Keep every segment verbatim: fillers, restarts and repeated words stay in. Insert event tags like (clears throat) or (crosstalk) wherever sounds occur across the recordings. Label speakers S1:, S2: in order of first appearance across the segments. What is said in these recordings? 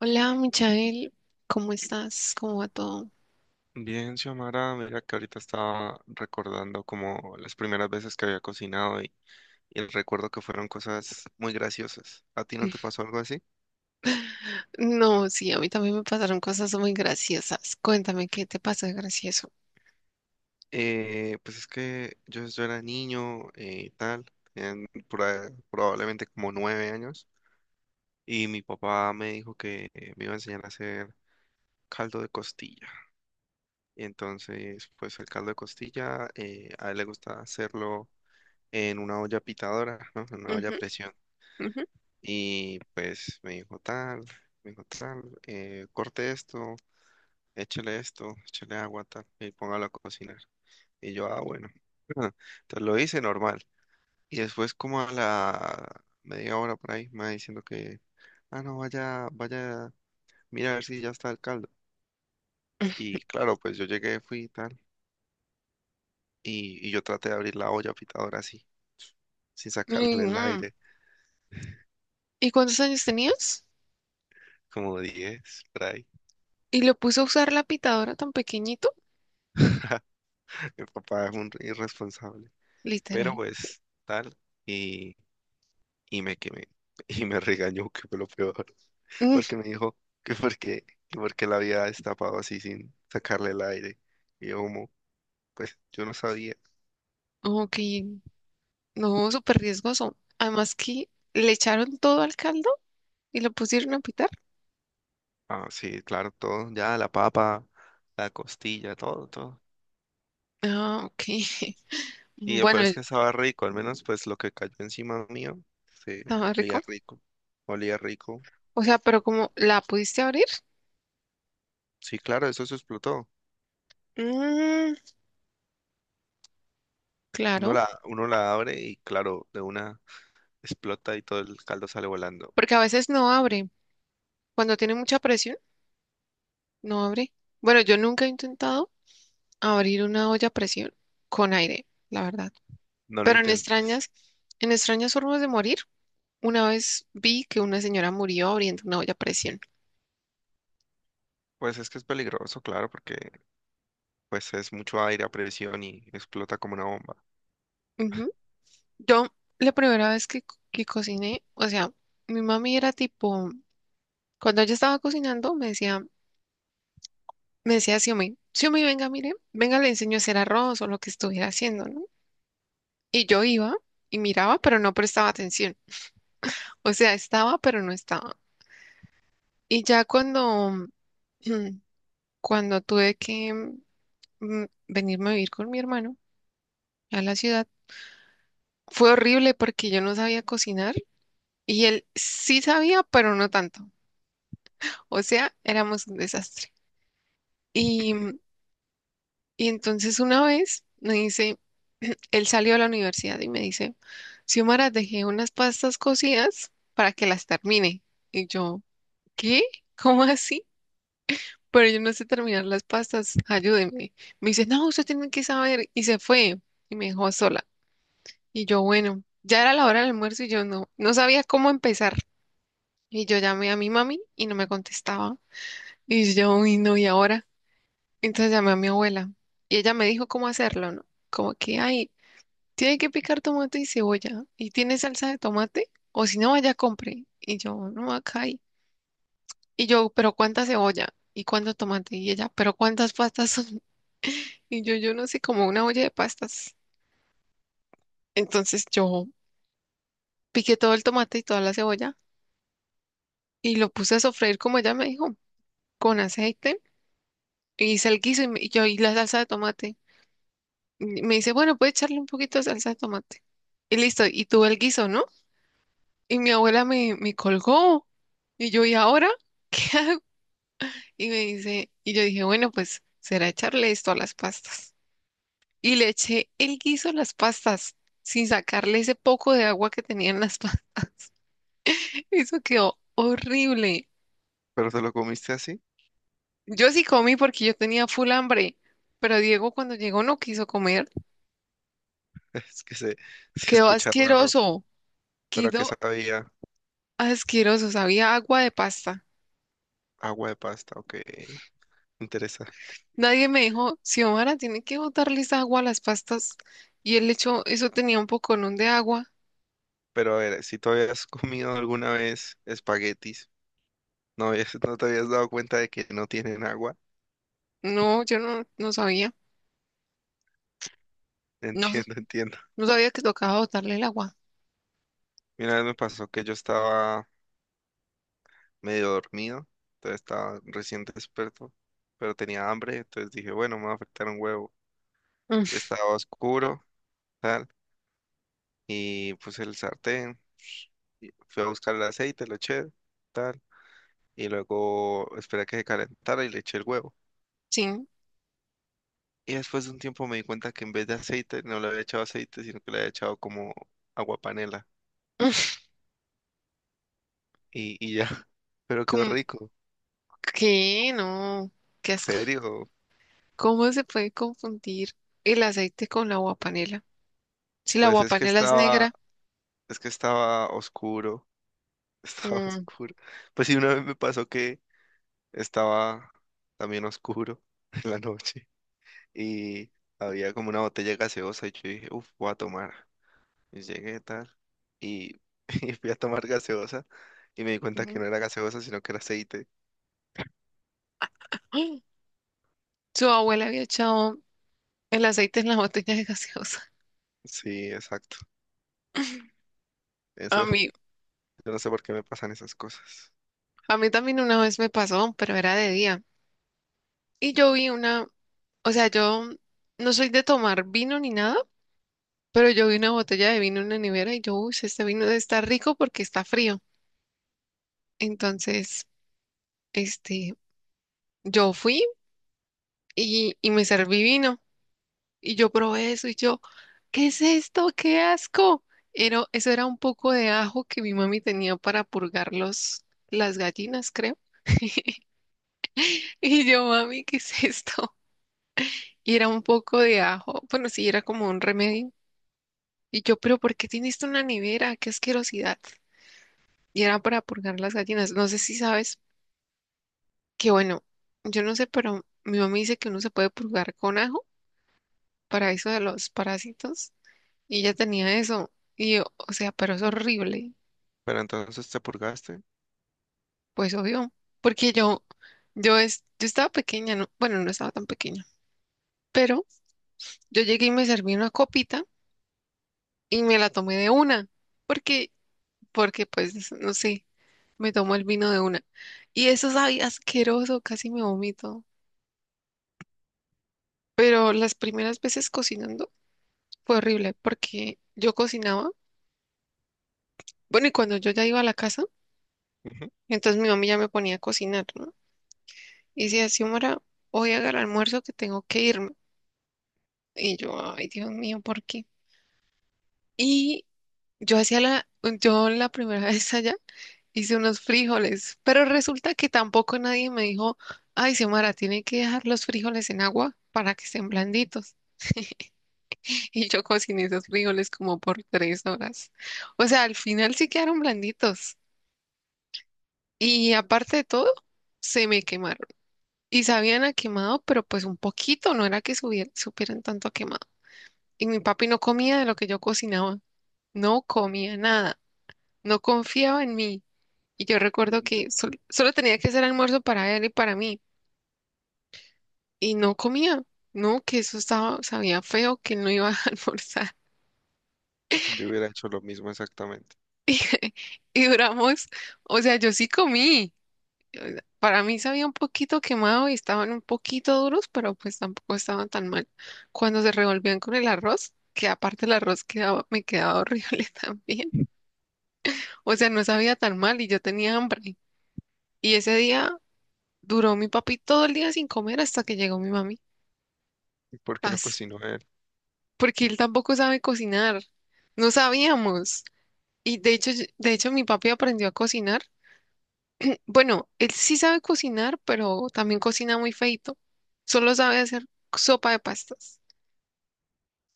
S1: Hola, Michael, ¿cómo estás? ¿Cómo va todo?
S2: Bien, Xiomara, mira que ahorita estaba recordando como las primeras veces que había cocinado y, y el recuerdo que fueron cosas muy graciosas. ¿A ti no te pasó algo así?
S1: (laughs) No, sí, a mí también me pasaron cosas muy graciosas. Cuéntame, ¿qué te pasó de gracioso?
S2: Eh, pues es que yo, yo era niño eh, y tal, en, probablemente como nueve años, y mi papá me dijo que eh, me iba a enseñar a hacer caldo de costilla. Y entonces, pues el caldo de costilla, eh, a él le gusta hacerlo en una olla pitadora, ¿no? En una olla a
S1: Ujú,
S2: presión.
S1: ujú.
S2: Y pues me dijo tal, me dijo tal, eh, corte esto, échale esto, échale agua, tal, y póngalo a cocinar. Y yo, ah, bueno. (laughs) Entonces lo hice normal. Y después como a la media hora por ahí, me va diciendo que, ah, no, vaya, vaya, mira a ver si ya está el caldo. Y claro, pues yo llegué, fui y tal, y, y yo traté de abrir la olla pitadora así, sin
S1: Ay,
S2: sacarle el
S1: no.
S2: aire,
S1: ¿Y cuántos años tenías?
S2: como diez por ahí.
S1: ¿Y lo puso a usar la pitadora tan pequeñito?
S2: (laughs) Mi papá es un irresponsable. Pero
S1: Literal.
S2: pues tal, y, y me quemé. (laughs) Y me regañó, que fue lo peor. (laughs)
S1: Mm,
S2: Porque me dijo que porque, que porque la había destapado así sin sacarle el aire. Y yo como, pues yo no sabía.
S1: ok, no, súper riesgoso. Además que le echaron todo al caldo y lo pusieron a pitar.
S2: Ah, sí, claro, todo, ya, la papa, la costilla, todo, todo.
S1: Ah, ok. (laughs)
S2: Y lo
S1: Bueno,
S2: peor es que estaba rico, al menos pues lo que cayó encima mío, se
S1: estaba
S2: olía
S1: rico.
S2: rico, olía rico.
S1: O sea, ¿pero como la pudiste abrir?
S2: Sí, claro, eso se explotó.
S1: Mm,
S2: Uno
S1: claro.
S2: la, uno la abre y claro, de una explota y todo el caldo sale volando.
S1: Porque a veces no abre. Cuando tiene mucha presión, no abre. Bueno, yo nunca he intentado abrir una olla a presión con aire, la verdad.
S2: No lo
S1: Pero en
S2: intentes.
S1: extrañas, en extrañas formas de morir, una vez vi que una señora murió abriendo una olla a presión.
S2: Pues es que es peligroso, claro, porque pues es mucho aire a presión y explota como una bomba.
S1: Ujú. Yo, la primera vez que, co- que cociné, o sea, mi mami era tipo, cuando ella estaba cocinando, me decía, me decía, Xiomí, Xiomí, venga, mire, venga, le enseño a hacer arroz o lo que estuviera haciendo, ¿no? Y yo iba y miraba, pero no prestaba atención. O sea, estaba, pero no estaba. Y ya cuando, (clears throat) mm, cuando tuve que mm, venirme a vivir con mi hermano a la ciudad, fue horrible porque yo no sabía cocinar y él sí sabía, pero no tanto. O sea, éramos un desastre. Y, mm, y entonces una vez me dice, (clears throat) él salió a la universidad y me dice, Xiomara, dejé unas pastas cocidas para que las termine. Y yo, ¿qué? ¿Cómo así? Pero yo no sé terminar las pastas, ayúdeme. Me dice, no, usted tiene que saber. Y se fue y me dejó sola. Y yo, bueno, ya era la hora del almuerzo y yo no, no sabía cómo empezar. Y yo llamé a mi mami y no me contestaba. Y yo, uy, no, ¿y ahora? Entonces llamé a mi abuela y ella me dijo cómo hacerlo, ¿no? Como que, ay, tiene que picar tomate y cebolla. ¿Y tiene salsa de tomate? O si no, vaya, compre. Y yo, no, acá hay. Y yo, pero ¿cuánta cebolla? ¿Y cuánto tomate? Y ella, pero ¿cuántas pastas son? Y yo, yo no sé, como una olla de pastas. Entonces yo piqué todo el tomate y toda la cebolla y lo puse a sofreír como ella me dijo, con aceite. Y hice el guiso y, me- y yo y la salsa de tomate. Y me dice, bueno, puede echarle un poquito de salsa de tomate. Y listo, y tuve el guiso, ¿no? Y mi abuela me, me colgó. Y yo, ¿y ahora (laughs) qué hago? Y me dice, y yo dije, bueno, pues será echarle esto a las pastas. Y le eché el guiso a las pastas sin sacarle ese poco de agua que tenían las (laughs) pastas. Eso quedó horrible.
S2: ¿Pero te lo comiste así?
S1: Yo sí comí porque yo tenía full hambre, pero Diego cuando llegó no quiso comer.
S2: (laughs) Es que se, se
S1: Quedó
S2: escucha raro.
S1: asqueroso,
S2: ¿Pero a qué
S1: quedó
S2: sabía?
S1: asqueroso, sabía agua de pasta.
S2: Agua de pasta, ok. Interesa.
S1: Nadie me dijo, Xiomara, tiene que botarles agua a las pastas. Y él echó, eso tenía un poconón de agua.
S2: Pero a ver, si tú habías comido alguna vez espaguetis, no, habías- no te habías dado cuenta de que no tienen agua.
S1: No, yo no, no sabía.
S2: (laughs)
S1: No,
S2: Entiendo, entiendo.
S1: no sabía que tocaba botarle el agua.
S2: Y una vez me pasó que yo estaba medio dormido, entonces estaba recién despierto, pero tenía hambre, entonces dije, bueno, me va a afectar un huevo,
S1: Mm.
S2: estaba oscuro, tal, y puse el sartén, y fui a buscar el aceite, lo eché, tal, y luego esperé a que se calentara y le eché el huevo.
S1: Sí. Mm.
S2: Y después de un tiempo me di cuenta que en vez de aceite no le había echado aceite, sino que le había echado como agua panela y, y ya. (laughs) Pero quedó
S1: ¿Cómo?
S2: rico,
S1: ¿Qué? No, qué asco.
S2: serio.
S1: ¿Cómo se puede confundir el aceite con la agua panela? Si la
S2: Pues es que
S1: guapanela es
S2: estaba,
S1: negra,
S2: es que estaba oscuro, (laughs) estaba
S1: mm,
S2: oscuro. Pues sí, una vez me pasó que estaba también oscuro (laughs) en la noche. Y había como una botella gaseosa y yo dije, uff, voy a tomar. Y llegué tal y, (laughs) y fui a tomar gaseosa y me di cuenta que
S1: ujú.
S2: no era gaseosa, sino que era aceite.
S1: (gasps) ¡Ay! Su abuela había echado el aceite en la botella de gaseosa. (laughs)
S2: Sí, exacto.
S1: A
S2: Eso, (laughs)
S1: mí,
S2: yo no sé por qué me pasan esas cosas.
S1: a mí también una vez me pasó, pero era de día. Y yo vi una, o sea, yo no soy de tomar vino ni nada, pero yo vi una botella de vino en la nevera y yo, uy, este vino está rico porque está frío. Entonces, este, yo fui. Y, y me serví vino. Y yo probé eso y yo, ¿qué es esto? ¡Qué asco! Era, eso era un poco de ajo que mi mami tenía para purgar los, las gallinas, creo. (laughs) Y yo, mami, ¿qué es esto? Y era un poco de ajo. Bueno, sí, era como un remedio. Y yo, pero ¿por qué tienes esto en la nevera? ¡Qué asquerosidad! Y era para purgar las gallinas. No sé si sabes que, bueno, yo no sé, pero mi mami dice que uno se puede purgar con ajo para eso de los parásitos. Y ella tenía eso. Y yo, o sea, pero es horrible.
S2: Pero entonces te purgaste.
S1: Pues obvio. Porque yo, yo, es, Yo estaba pequeña, ¿no? Bueno, no estaba tan pequeña. Pero yo llegué y me serví una copita y me la tomé de una. Porque, Porque pues, no sé, me tomó el vino de una. Y eso sabía asqueroso, casi me vomito. Pero las primeras veces cocinando fue horrible porque yo cocinaba. Bueno, y cuando yo ya iba a la casa,
S2: Ujú.
S1: entonces mi mamá ya me ponía a cocinar, ¿no? Y dice, Xiomara, voy a agarrar almuerzo que tengo que irme. Y yo, ay, Dios mío, ¿por qué? Y yo hacía la, yo la primera (laughs) vez allá hice unos frijoles, pero resulta que tampoco nadie me dijo, ay, Xiomara, tiene que dejar los frijoles en agua para que estén blanditos. (laughs) Y yo cociné esos frijoles como por tres horas. O sea, al final sí quedaron blanditos. Y aparte de todo, se me quemaron. Y sabían a quemado, pero pues un poquito, no era que subier- supieran tanto a quemado. Y mi papi no comía de lo que yo cocinaba, no comía nada, no confiaba en mí. Y yo recuerdo que sol- solo tenía que hacer almuerzo para él y para mí, y no comía, no, que eso estaba, sabía feo, que no iba a (laughs) almorzar.
S2: Yo hubiera hecho lo mismo exactamente.
S1: (laughs) Y duramos, o sea, yo sí comí. O sea, para mí sabía un poquito quemado y estaban un poquito duros, pero pues tampoco estaban tan mal. Cuando se revolvían con el arroz, que aparte el arroz quedaba, me quedaba horrible (laughs) también. O sea, no sabía tan mal y yo tenía hambre. Y ese día duró mi papi todo el día sin comer hasta que llegó mi mami.
S2: ¿Y ¿Por qué no
S1: As-
S2: cocinó él?
S1: Porque él tampoco sabe cocinar. No sabíamos. Y de hecho, yo- de hecho, mi papi aprendió a cocinar. Bueno, él sí sabe cocinar, pero también cocina muy feito. Solo sabe hacer sopa de pastas.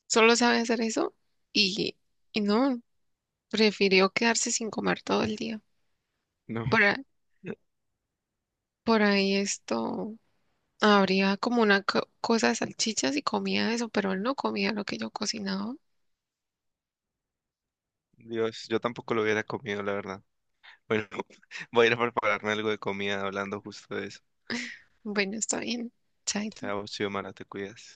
S1: Solo sabe hacer eso. Y, y no, Prefirió quedarse sin comer todo el día.
S2: No, (laughs)
S1: Por, a- por ahí esto habría como una co- cosa de salchichas y comía eso, pero él no comía lo que yo cocinaba.
S2: Dios, yo tampoco lo hubiera comido, la verdad. Bueno, (laughs) voy a ir a prepararme algo de comida hablando justo de eso.
S1: Bueno, está bien. Chaito.
S2: Chao, Xiomara, te cuidas.